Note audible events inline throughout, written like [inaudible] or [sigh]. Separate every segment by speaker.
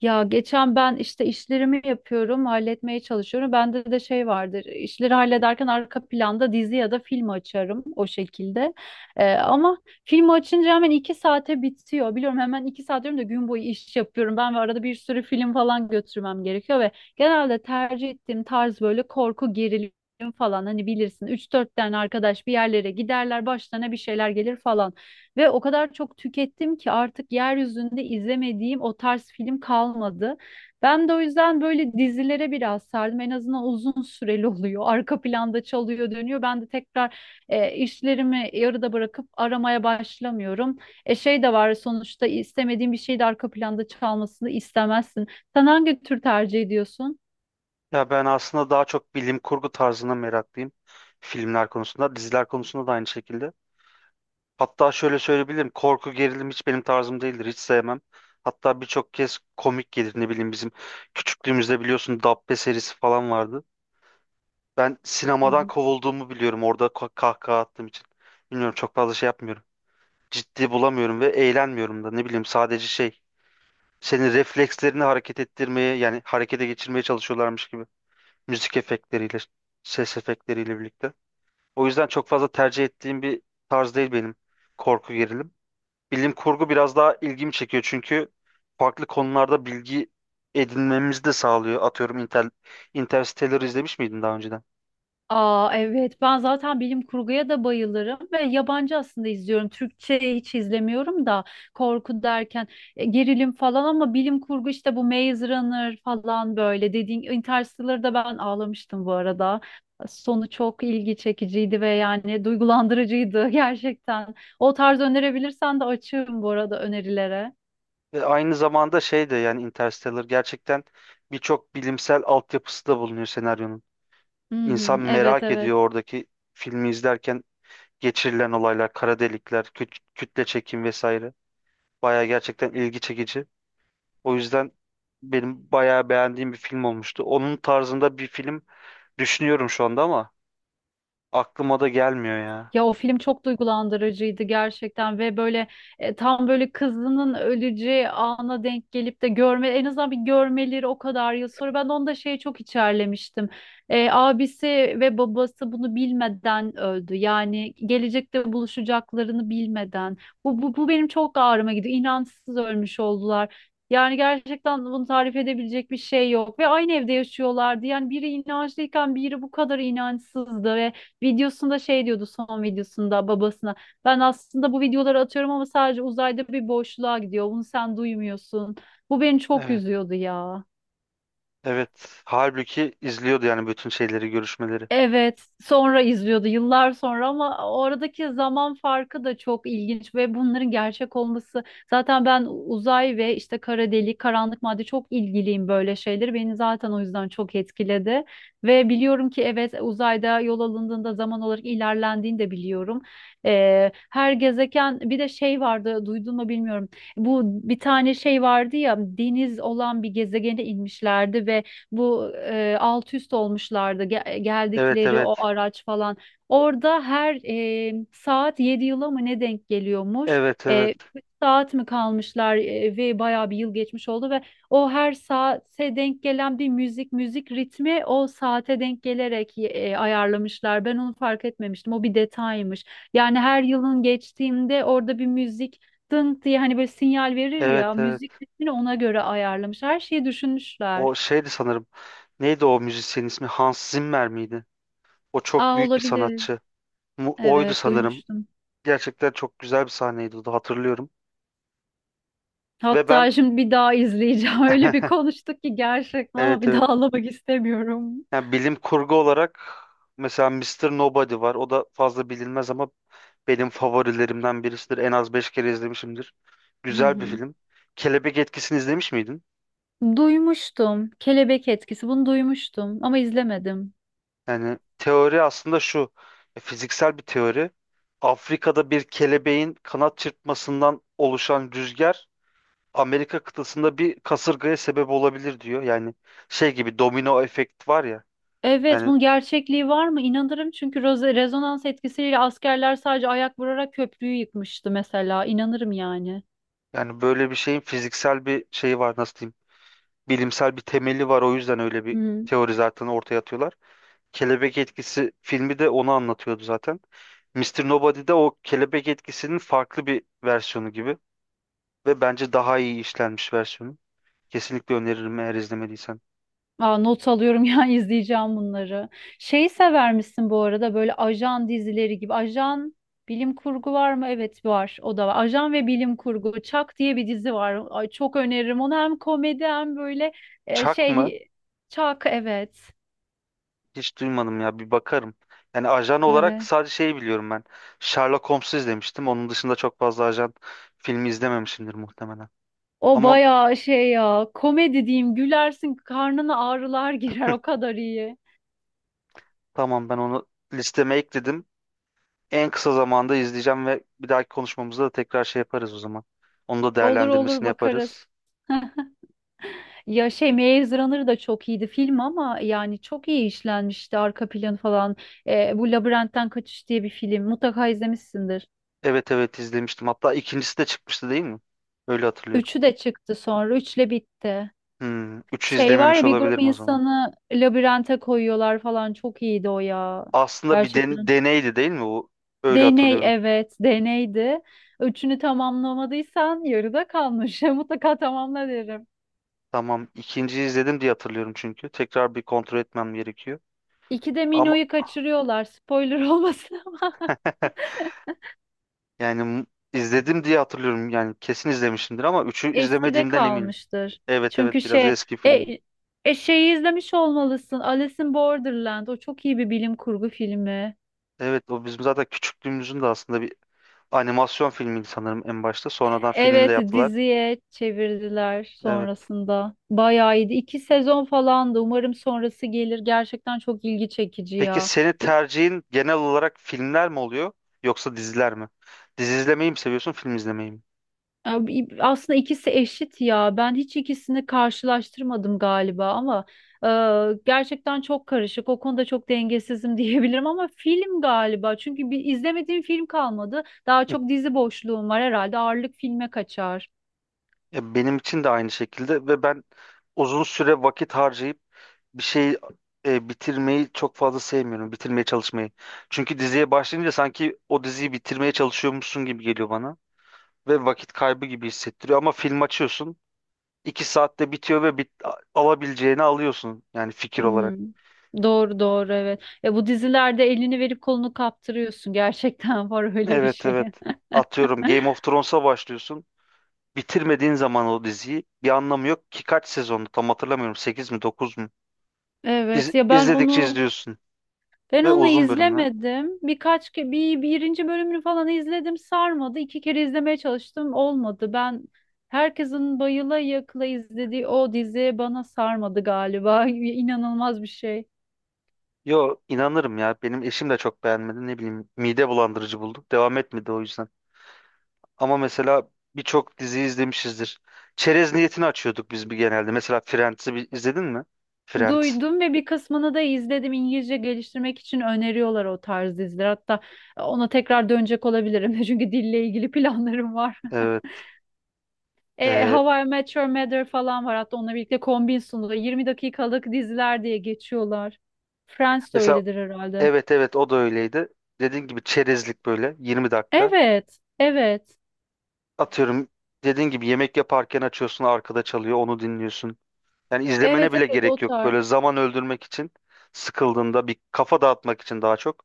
Speaker 1: Ya geçen ben işte işlerimi yapıyorum, halletmeye çalışıyorum. Bende de şey vardır. İşleri hallederken arka planda dizi ya da film açarım o şekilde. Ama filmi açınca hemen 2 saate bitiyor. Biliyorum hemen 2 saat diyorum da gün boyu iş yapıyorum. Ben ve arada bir sürü film falan götürmem gerekiyor ve genelde tercih ettiğim tarz böyle korku gerilim falan hani bilirsin üç dört tane arkadaş bir yerlere giderler başlarına bir şeyler gelir falan. Ve o kadar çok tükettim ki artık yeryüzünde izlemediğim o tarz film kalmadı. Ben de o yüzden böyle dizilere biraz sardım. En azından uzun süreli [laughs] oluyor. Arka planda çalıyor, dönüyor. Ben de tekrar işlerimi yarıda bırakıp aramaya başlamıyorum. Şey de var, sonuçta istemediğin bir şey de arka planda çalmasını istemezsin. Sen hangi tür tercih ediyorsun?
Speaker 2: Ya ben aslında daha çok bilim kurgu tarzına meraklıyım. Filmler konusunda, diziler konusunda da aynı şekilde. Hatta şöyle söyleyebilirim, korku gerilim hiç benim tarzım değildir, hiç sevmem. Hatta birçok kez komik gelir, ne bileyim bizim küçüklüğümüzde biliyorsun Dabbe serisi falan vardı. Ben
Speaker 1: Hı
Speaker 2: sinemadan
Speaker 1: hı.
Speaker 2: kovulduğumu biliyorum orada kahkaha attığım için. Bilmiyorum çok fazla şey yapmıyorum. Ciddi bulamıyorum ve eğlenmiyorum da ne bileyim sadece şey. Senin reflekslerini hareket ettirmeye yani harekete geçirmeye çalışıyorlarmış gibi, müzik efektleriyle, ses efektleriyle birlikte. O yüzden çok fazla tercih ettiğim bir tarz değil benim korku gerilim. Bilim kurgu biraz daha ilgimi çekiyor çünkü farklı konularda bilgi edinmemizi de sağlıyor. Atıyorum Interstellar izlemiş miydin daha önceden?
Speaker 1: Aa, evet, ben zaten bilim kurguya da bayılırım ve yabancı aslında izliyorum. Türkçe hiç izlemiyorum da korku derken gerilim falan ama bilim kurgu işte bu Maze Runner falan böyle dediğin Interstellar'da ben ağlamıştım bu arada. Sonu çok ilgi çekiciydi ve yani duygulandırıcıydı [laughs] gerçekten. O tarz önerebilirsen de açığım bu arada önerilere.
Speaker 2: Ve aynı zamanda şey de yani Interstellar gerçekten birçok bilimsel altyapısı da bulunuyor senaryonun.
Speaker 1: Hı
Speaker 2: İnsan
Speaker 1: hı, evet,
Speaker 2: merak
Speaker 1: evet.
Speaker 2: ediyor oradaki filmi izlerken geçirilen olaylar, kara delikler, kütle çekim vesaire. Baya gerçekten ilgi çekici. O yüzden benim bayağı beğendiğim bir film olmuştu. Onun tarzında bir film düşünüyorum şu anda ama aklıma da gelmiyor ya.
Speaker 1: Ya o film çok duygulandırıcıydı gerçekten ve böyle tam böyle kızının öleceği ana denk gelip de görme, en azından bir görmeleri o kadar yıl sonra, ben de onu da şeye çok içerlemiştim. Abisi ve babası bunu bilmeden öldü. Yani gelecekte buluşacaklarını bilmeden. Bu benim çok ağrıma gidiyor. İnançsız ölmüş oldular. Yani gerçekten bunu tarif edebilecek bir şey yok ve aynı evde yaşıyorlardı. Yani biri inançlıyken biri bu kadar inançsızdı. Videosunda şey diyordu, son videosunda babasına. Ben aslında bu videoları atıyorum ama sadece uzayda bir boşluğa gidiyor. Bunu sen duymuyorsun. Bu beni çok
Speaker 2: Evet,
Speaker 1: üzüyordu ya.
Speaker 2: evet. Halbuki izliyordu yani bütün şeyleri, görüşmeleri.
Speaker 1: Evet, sonra izliyordu yıllar sonra ama oradaki zaman farkı da çok ilginç ve bunların gerçek olması. Zaten ben uzay ve işte kara delik, karanlık madde, çok ilgiliyim böyle şeyleri. Beni zaten o yüzden çok etkiledi. Ve biliyorum ki, evet, uzayda yol alındığında zaman olarak ilerlendiğini de biliyorum. Her gezegen, bir de şey vardı, duydun mu bilmiyorum. Bu, bir tane şey vardı ya, deniz olan bir gezegene inmişlerdi ve bu alt üst olmuşlardı.
Speaker 2: Evet,
Speaker 1: Geldikleri o
Speaker 2: evet.
Speaker 1: araç falan. Orada her saat 7 yıla mı ne denk geliyormuş?
Speaker 2: Evet, evet.
Speaker 1: Üç saat mi kalmışlar ve bayağı bir yıl geçmiş oldu ve o her saate denk gelen bir müzik ritmi, o saate denk gelerek ayarlamışlar. Ben onu fark etmemiştim. O bir detaymış. Yani her yılın geçtiğinde orada bir müzik dınk diye, hani böyle sinyal verir
Speaker 2: Evet,
Speaker 1: ya,
Speaker 2: evet.
Speaker 1: müzik ritmini ona göre ayarlamış. Her şeyi
Speaker 2: O
Speaker 1: düşünmüşler.
Speaker 2: şeydi sanırım. Neydi o müzisyenin ismi? Hans Zimmer miydi? O çok
Speaker 1: Aa,
Speaker 2: büyük bir
Speaker 1: olabilir.
Speaker 2: sanatçı. Oydu
Speaker 1: Evet,
Speaker 2: sanırım.
Speaker 1: duymuştum.
Speaker 2: Gerçekten çok güzel bir sahneydi o da hatırlıyorum. Ve ben
Speaker 1: Hatta şimdi bir daha izleyeceğim. [laughs] Öyle bir
Speaker 2: [laughs]
Speaker 1: konuştuk ki gerçekten, ama
Speaker 2: evet,
Speaker 1: bir
Speaker 2: evet.
Speaker 1: daha ağlamak istemiyorum.
Speaker 2: Yani bilim kurgu olarak mesela Mister Nobody var. O da fazla bilinmez ama benim favorilerimden birisidir. En az 5 kere izlemişimdir.
Speaker 1: Hı
Speaker 2: Güzel bir
Speaker 1: hı.
Speaker 2: film. Kelebek Etkisi'ni izlemiş miydin?
Speaker 1: Duymuştum. Kelebek etkisi. Bunu duymuştum ama izlemedim.
Speaker 2: Yani teori aslında şu. Fiziksel bir teori. Afrika'da bir kelebeğin kanat çırpmasından oluşan rüzgar Amerika kıtasında bir kasırgaya sebep olabilir diyor. Yani şey gibi domino efekt var ya.
Speaker 1: Evet,
Speaker 2: Yani
Speaker 1: bunun gerçekliği var mı? İnanırım, çünkü rezonans etkisiyle askerler sadece ayak vurarak köprüyü yıkmıştı mesela. İnanırım yani.
Speaker 2: yani böyle bir şeyin fiziksel bir şeyi var, nasıl diyeyim? Bilimsel bir temeli var. O yüzden öyle bir
Speaker 1: Hı.
Speaker 2: teori zaten ortaya atıyorlar. Kelebek etkisi filmi de onu anlatıyordu zaten. Mr. Nobody'de o kelebek etkisinin farklı bir versiyonu gibi ve bence daha iyi işlenmiş versiyonu. Kesinlikle öneririm eğer izlemediysen.
Speaker 1: Aa, not alıyorum [laughs] ya, izleyeceğim bunları. Şeyi sever misin bu arada, böyle ajan dizileri gibi? Ajan bilim kurgu var mı? Evet, var. O da var. Ajan ve bilim kurgu. Çak diye bir dizi var. Ay, çok öneririm. Onu hem komedi hem böyle e,
Speaker 2: Chuck mı?
Speaker 1: şey Çak, evet.
Speaker 2: Hiç duymadım ya, bir bakarım. Yani ajan olarak
Speaker 1: Evet.
Speaker 2: sadece şeyi biliyorum ben. Sherlock Holmes'u izlemiştim. Onun dışında çok fazla ajan filmi izlememişimdir muhtemelen.
Speaker 1: O
Speaker 2: Ama
Speaker 1: bayağı şey ya, komedi diyeyim, gülersin, karnına ağrılar [laughs] girer, o kadar iyi.
Speaker 2: tamam, ben onu listeme ekledim. En kısa zamanda izleyeceğim ve bir dahaki konuşmamızda da tekrar şey yaparız o zaman. Onu da
Speaker 1: Olur olur,
Speaker 2: değerlendirmesini
Speaker 1: bakarız.
Speaker 2: yaparız.
Speaker 1: Ya şey, Maze Runner da çok iyiydi film, ama yani çok iyi işlenmişti arka planı falan. Bu Labirentten Kaçış diye bir film, mutlaka izlemişsindir.
Speaker 2: Evet, evet, izlemiştim. Hatta ikincisi de çıkmıştı değil mi? Öyle hatırlıyorum.
Speaker 1: Üçü de çıktı, sonra üçle bitti.
Speaker 2: Hmm, üçü
Speaker 1: Şey var
Speaker 2: izlememiş
Speaker 1: ya, bir grup
Speaker 2: olabilirim o zaman.
Speaker 1: insanı labirente koyuyorlar falan, çok iyiydi o ya.
Speaker 2: Aslında bir
Speaker 1: Gerçekten.
Speaker 2: deneydi değil mi bu? Öyle
Speaker 1: Deney,
Speaker 2: hatırlıyorum.
Speaker 1: evet, deneydi. Üçünü tamamlamadıysan yarıda kalmış. [laughs] Mutlaka tamamla derim.
Speaker 2: Tamam, ikinciyi izledim diye hatırlıyorum çünkü. Tekrar bir kontrol etmem gerekiyor.
Speaker 1: İkide
Speaker 2: Ama
Speaker 1: Mino'yu kaçırıyorlar. Spoiler [laughs] olmasın.
Speaker 2: [laughs] yani izledim diye hatırlıyorum. Yani kesin izlemişimdir ama üçü
Speaker 1: Eskide
Speaker 2: izlemediğimden eminim.
Speaker 1: kalmıştır.
Speaker 2: Evet,
Speaker 1: Çünkü
Speaker 2: evet, biraz eski film.
Speaker 1: e, şeyi izlemiş olmalısın. Alice in Borderland. O çok iyi bir bilim kurgu filmi.
Speaker 2: Evet, o bizim zaten küçüklüğümüzün de aslında bir animasyon filmiydi sanırım en başta. Sonradan filmde
Speaker 1: Evet,
Speaker 2: yaptılar.
Speaker 1: diziye çevirdiler
Speaker 2: Evet.
Speaker 1: sonrasında. Bayağı iyiydi. İki sezon falandı. Umarım sonrası gelir. Gerçekten çok ilgi çekici
Speaker 2: Peki
Speaker 1: ya.
Speaker 2: seni tercihin genel olarak filmler mi oluyor yoksa diziler mi? Dizi izlemeyi mi seviyorsun, film izlemeyi mi?
Speaker 1: Abi, aslında ikisi eşit ya. Ben hiç ikisini karşılaştırmadım galiba, ama gerçekten çok karışık. O konuda çok dengesizim [laughs] diyebilirim, ama film galiba. Çünkü bir izlemediğim film kalmadı. Daha
Speaker 2: Hı.
Speaker 1: çok dizi boşluğum var herhalde. Ağırlık filme kaçar.
Speaker 2: Ya benim için de aynı şekilde ve ben uzun süre vakit harcayıp bir şeyi bitirmeyi çok fazla sevmiyorum. Bitirmeye çalışmayı. Çünkü diziye başlayınca sanki o diziyi bitirmeye çalışıyormuşsun gibi geliyor bana ve vakit kaybı gibi hissettiriyor. Ama film açıyorsun, 2 saatte bitiyor ve alabileceğini alıyorsun yani fikir olarak.
Speaker 1: Hmm. Doğru doğru, evet. Ya bu dizilerde elini verip kolunu kaptırıyorsun. [laughs] Gerçekten var öyle bir
Speaker 2: Evet,
Speaker 1: şey.
Speaker 2: evet.
Speaker 1: [laughs]
Speaker 2: Atıyorum Game of Thrones'a başlıyorsun. Bitirmediğin zaman o diziyi bir anlamı yok ki, kaç sezondu tam hatırlamıyorum, 8 mi 9 mu? İz,
Speaker 1: Evet ya, ben
Speaker 2: izledikçe
Speaker 1: onu
Speaker 2: izliyorsun
Speaker 1: Ben
Speaker 2: ve
Speaker 1: onu
Speaker 2: uzun bölümler.
Speaker 1: izlemedim. Birkaç ke bir birinci bölümünü falan izledim. Sarmadı. İki kere izlemeye çalıştım. Olmadı. Ben herkesin bayıla yakla izlediği o dizi bana sarmadı galiba. [laughs] İnanılmaz bir şey.
Speaker 2: Yo, inanırım ya, benim eşim de çok beğenmedi, ne bileyim mide bulandırıcı bulduk, devam etmedi o yüzden. Ama mesela birçok dizi izlemişizdir. Çerez niyetini açıyorduk biz bir genelde. Mesela Friends'i bir, izledin mi? Friends.
Speaker 1: Duydum ve bir kısmını da izledim. İngilizce geliştirmek için öneriyorlar o tarz diziler. Hatta ona tekrar dönecek olabilirim. [laughs] Çünkü dille ilgili planlarım var.
Speaker 2: Evet. Ee,
Speaker 1: How I Met Your Mother falan var. Hatta onunla birlikte kombin sunuyor. 20 dakikalık diziler diye geçiyorlar. Friends de
Speaker 2: mesela
Speaker 1: öyledir herhalde.
Speaker 2: evet, evet, o da öyleydi. Dediğin gibi çerezlik böyle 20 dakika.
Speaker 1: Evet, evet.
Speaker 2: Atıyorum dediğin gibi yemek yaparken açıyorsun, arkada çalıyor, onu dinliyorsun. Yani izlemene
Speaker 1: Evet,
Speaker 2: bile
Speaker 1: evet, o
Speaker 2: gerek yok.
Speaker 1: tarz.
Speaker 2: Böyle zaman öldürmek için, sıkıldığında bir kafa dağıtmak için daha çok.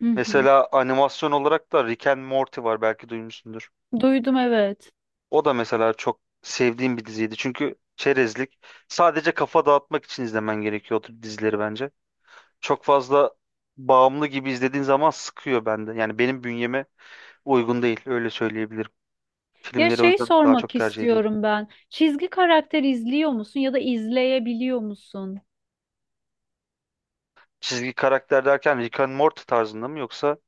Speaker 1: Hı hı.
Speaker 2: Mesela animasyon olarak da Rick and Morty var, belki duymuşsundur.
Speaker 1: Duydum, evet.
Speaker 2: O da mesela çok sevdiğim bir diziydi. Çünkü çerezlik, sadece kafa dağıtmak için izlemen gerekiyor o tür dizileri bence. Çok fazla bağımlı gibi izlediğin zaman sıkıyor bende. Yani benim bünyeme uygun değil öyle söyleyebilirim.
Speaker 1: Ya
Speaker 2: Filmleri o
Speaker 1: şey,
Speaker 2: yüzden daha çok
Speaker 1: sormak
Speaker 2: tercih ediyorum.
Speaker 1: istiyorum ben. Çizgi karakter izliyor musun, ya da izleyebiliyor musun?
Speaker 2: Çizgi karakter derken Rick and Morty tarzında mı yoksa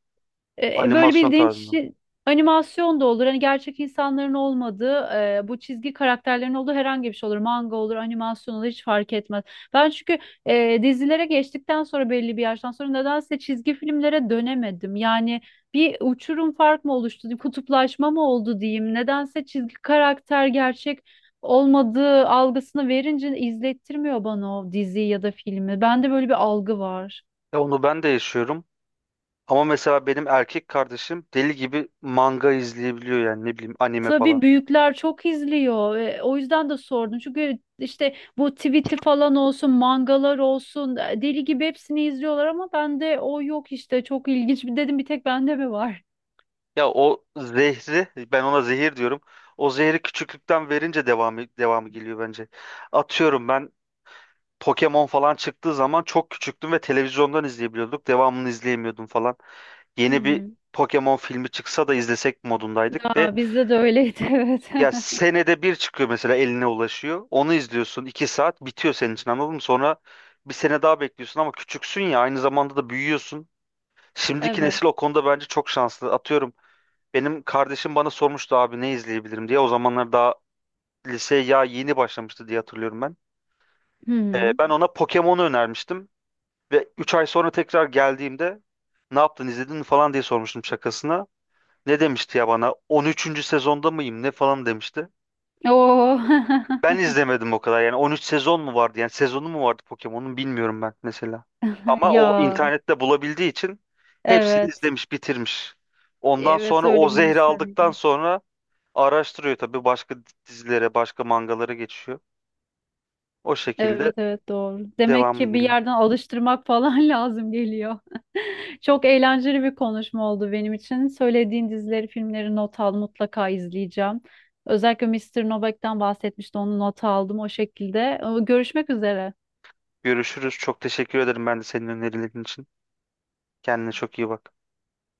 Speaker 1: Böyle
Speaker 2: animasyon
Speaker 1: bildiğin
Speaker 2: tarzında mı?
Speaker 1: animasyon da olur. Hani gerçek insanların olmadığı, bu çizgi karakterlerin olduğu herhangi bir şey olur. Manga olur, animasyon olur, hiç fark etmez. Ben çünkü dizilere geçtikten sonra, belli bir yaştan sonra, nedense çizgi filmlere dönemedim. Yani bir uçurum fark mı oluştu, kutuplaşma mı oldu diyeyim. Nedense çizgi karakter gerçek olmadığı algısını verince izlettirmiyor bana o diziyi ya da filmi. Bende böyle bir algı var.
Speaker 2: E, onu ben de yaşıyorum. Ama mesela benim erkek kardeşim deli gibi manga izleyebiliyor, yani ne bileyim anime
Speaker 1: Tabii
Speaker 2: falan.
Speaker 1: büyükler çok izliyor ve o yüzden de sordum. Çünkü işte bu tweet'i falan olsun, mangalar olsun, deli gibi hepsini izliyorlar ama bende o yok işte. Çok ilginç. Dedim, bir tek bende mi var?
Speaker 2: Ya o zehri, ben ona zehir diyorum. O zehri küçüklükten verince devamı geliyor bence. Atıyorum ben Pokemon falan çıktığı zaman çok küçüktüm ve televizyondan izleyebiliyorduk. Devamını izleyemiyordum falan.
Speaker 1: Hı
Speaker 2: Yeni bir
Speaker 1: hı.
Speaker 2: Pokemon filmi çıksa da izlesek modundaydık ve
Speaker 1: Aa, bizde de öyleydi [laughs] evet.
Speaker 2: ya
Speaker 1: [laughs]
Speaker 2: senede bir çıkıyor mesela, eline ulaşıyor. Onu izliyorsun. 2 saat bitiyor senin için, anladın mı? Sonra bir sene daha bekliyorsun ama küçüksün ya, aynı zamanda da büyüyorsun. Şimdiki
Speaker 1: Evet.
Speaker 2: nesil o konuda bence çok şanslı. Atıyorum benim kardeşim bana sormuştu, abi ne izleyebilirim diye. O zamanlar daha liseye ya yeni başlamıştı diye hatırlıyorum ben.
Speaker 1: Hı hı.
Speaker 2: Ben ona Pokemon'u önermiştim. Ve 3 ay sonra tekrar geldiğimde ne yaptın, izledin mi falan diye sormuştum şakasına. Ne demişti ya bana, 13'üncü sezonda mıyım ne falan demişti.
Speaker 1: Oo.
Speaker 2: Ben
Speaker 1: [laughs]
Speaker 2: izlemedim o kadar. Yani 13 sezon mu vardı? Yani sezonu mu vardı Pokemon'un, bilmiyorum ben mesela. Ama o
Speaker 1: Ya.
Speaker 2: internette bulabildiği için hepsini
Speaker 1: Evet.
Speaker 2: izlemiş, bitirmiş. Ondan
Speaker 1: Evet,
Speaker 2: sonra o
Speaker 1: öyle bir
Speaker 2: zehri
Speaker 1: nesle denk
Speaker 2: aldıktan
Speaker 1: geldik.
Speaker 2: sonra araştırıyor tabii, başka dizilere, başka mangalara geçiyor. O şekilde
Speaker 1: Evet, evet, doğru. Demek
Speaker 2: devamı
Speaker 1: ki bir
Speaker 2: geliyor.
Speaker 1: yerden alıştırmak falan [laughs] lazım geliyor. Çok eğlenceli bir konuşma oldu benim için. Söylediğin dizileri, filmleri not al, mutlaka izleyeceğim. Özellikle Mister Novak'tan bahsetmişti, onu not aldım o şekilde. Görüşmek üzere.
Speaker 2: Görüşürüz. Çok teşekkür ederim ben de senin önerilerin için. Kendine çok iyi bak.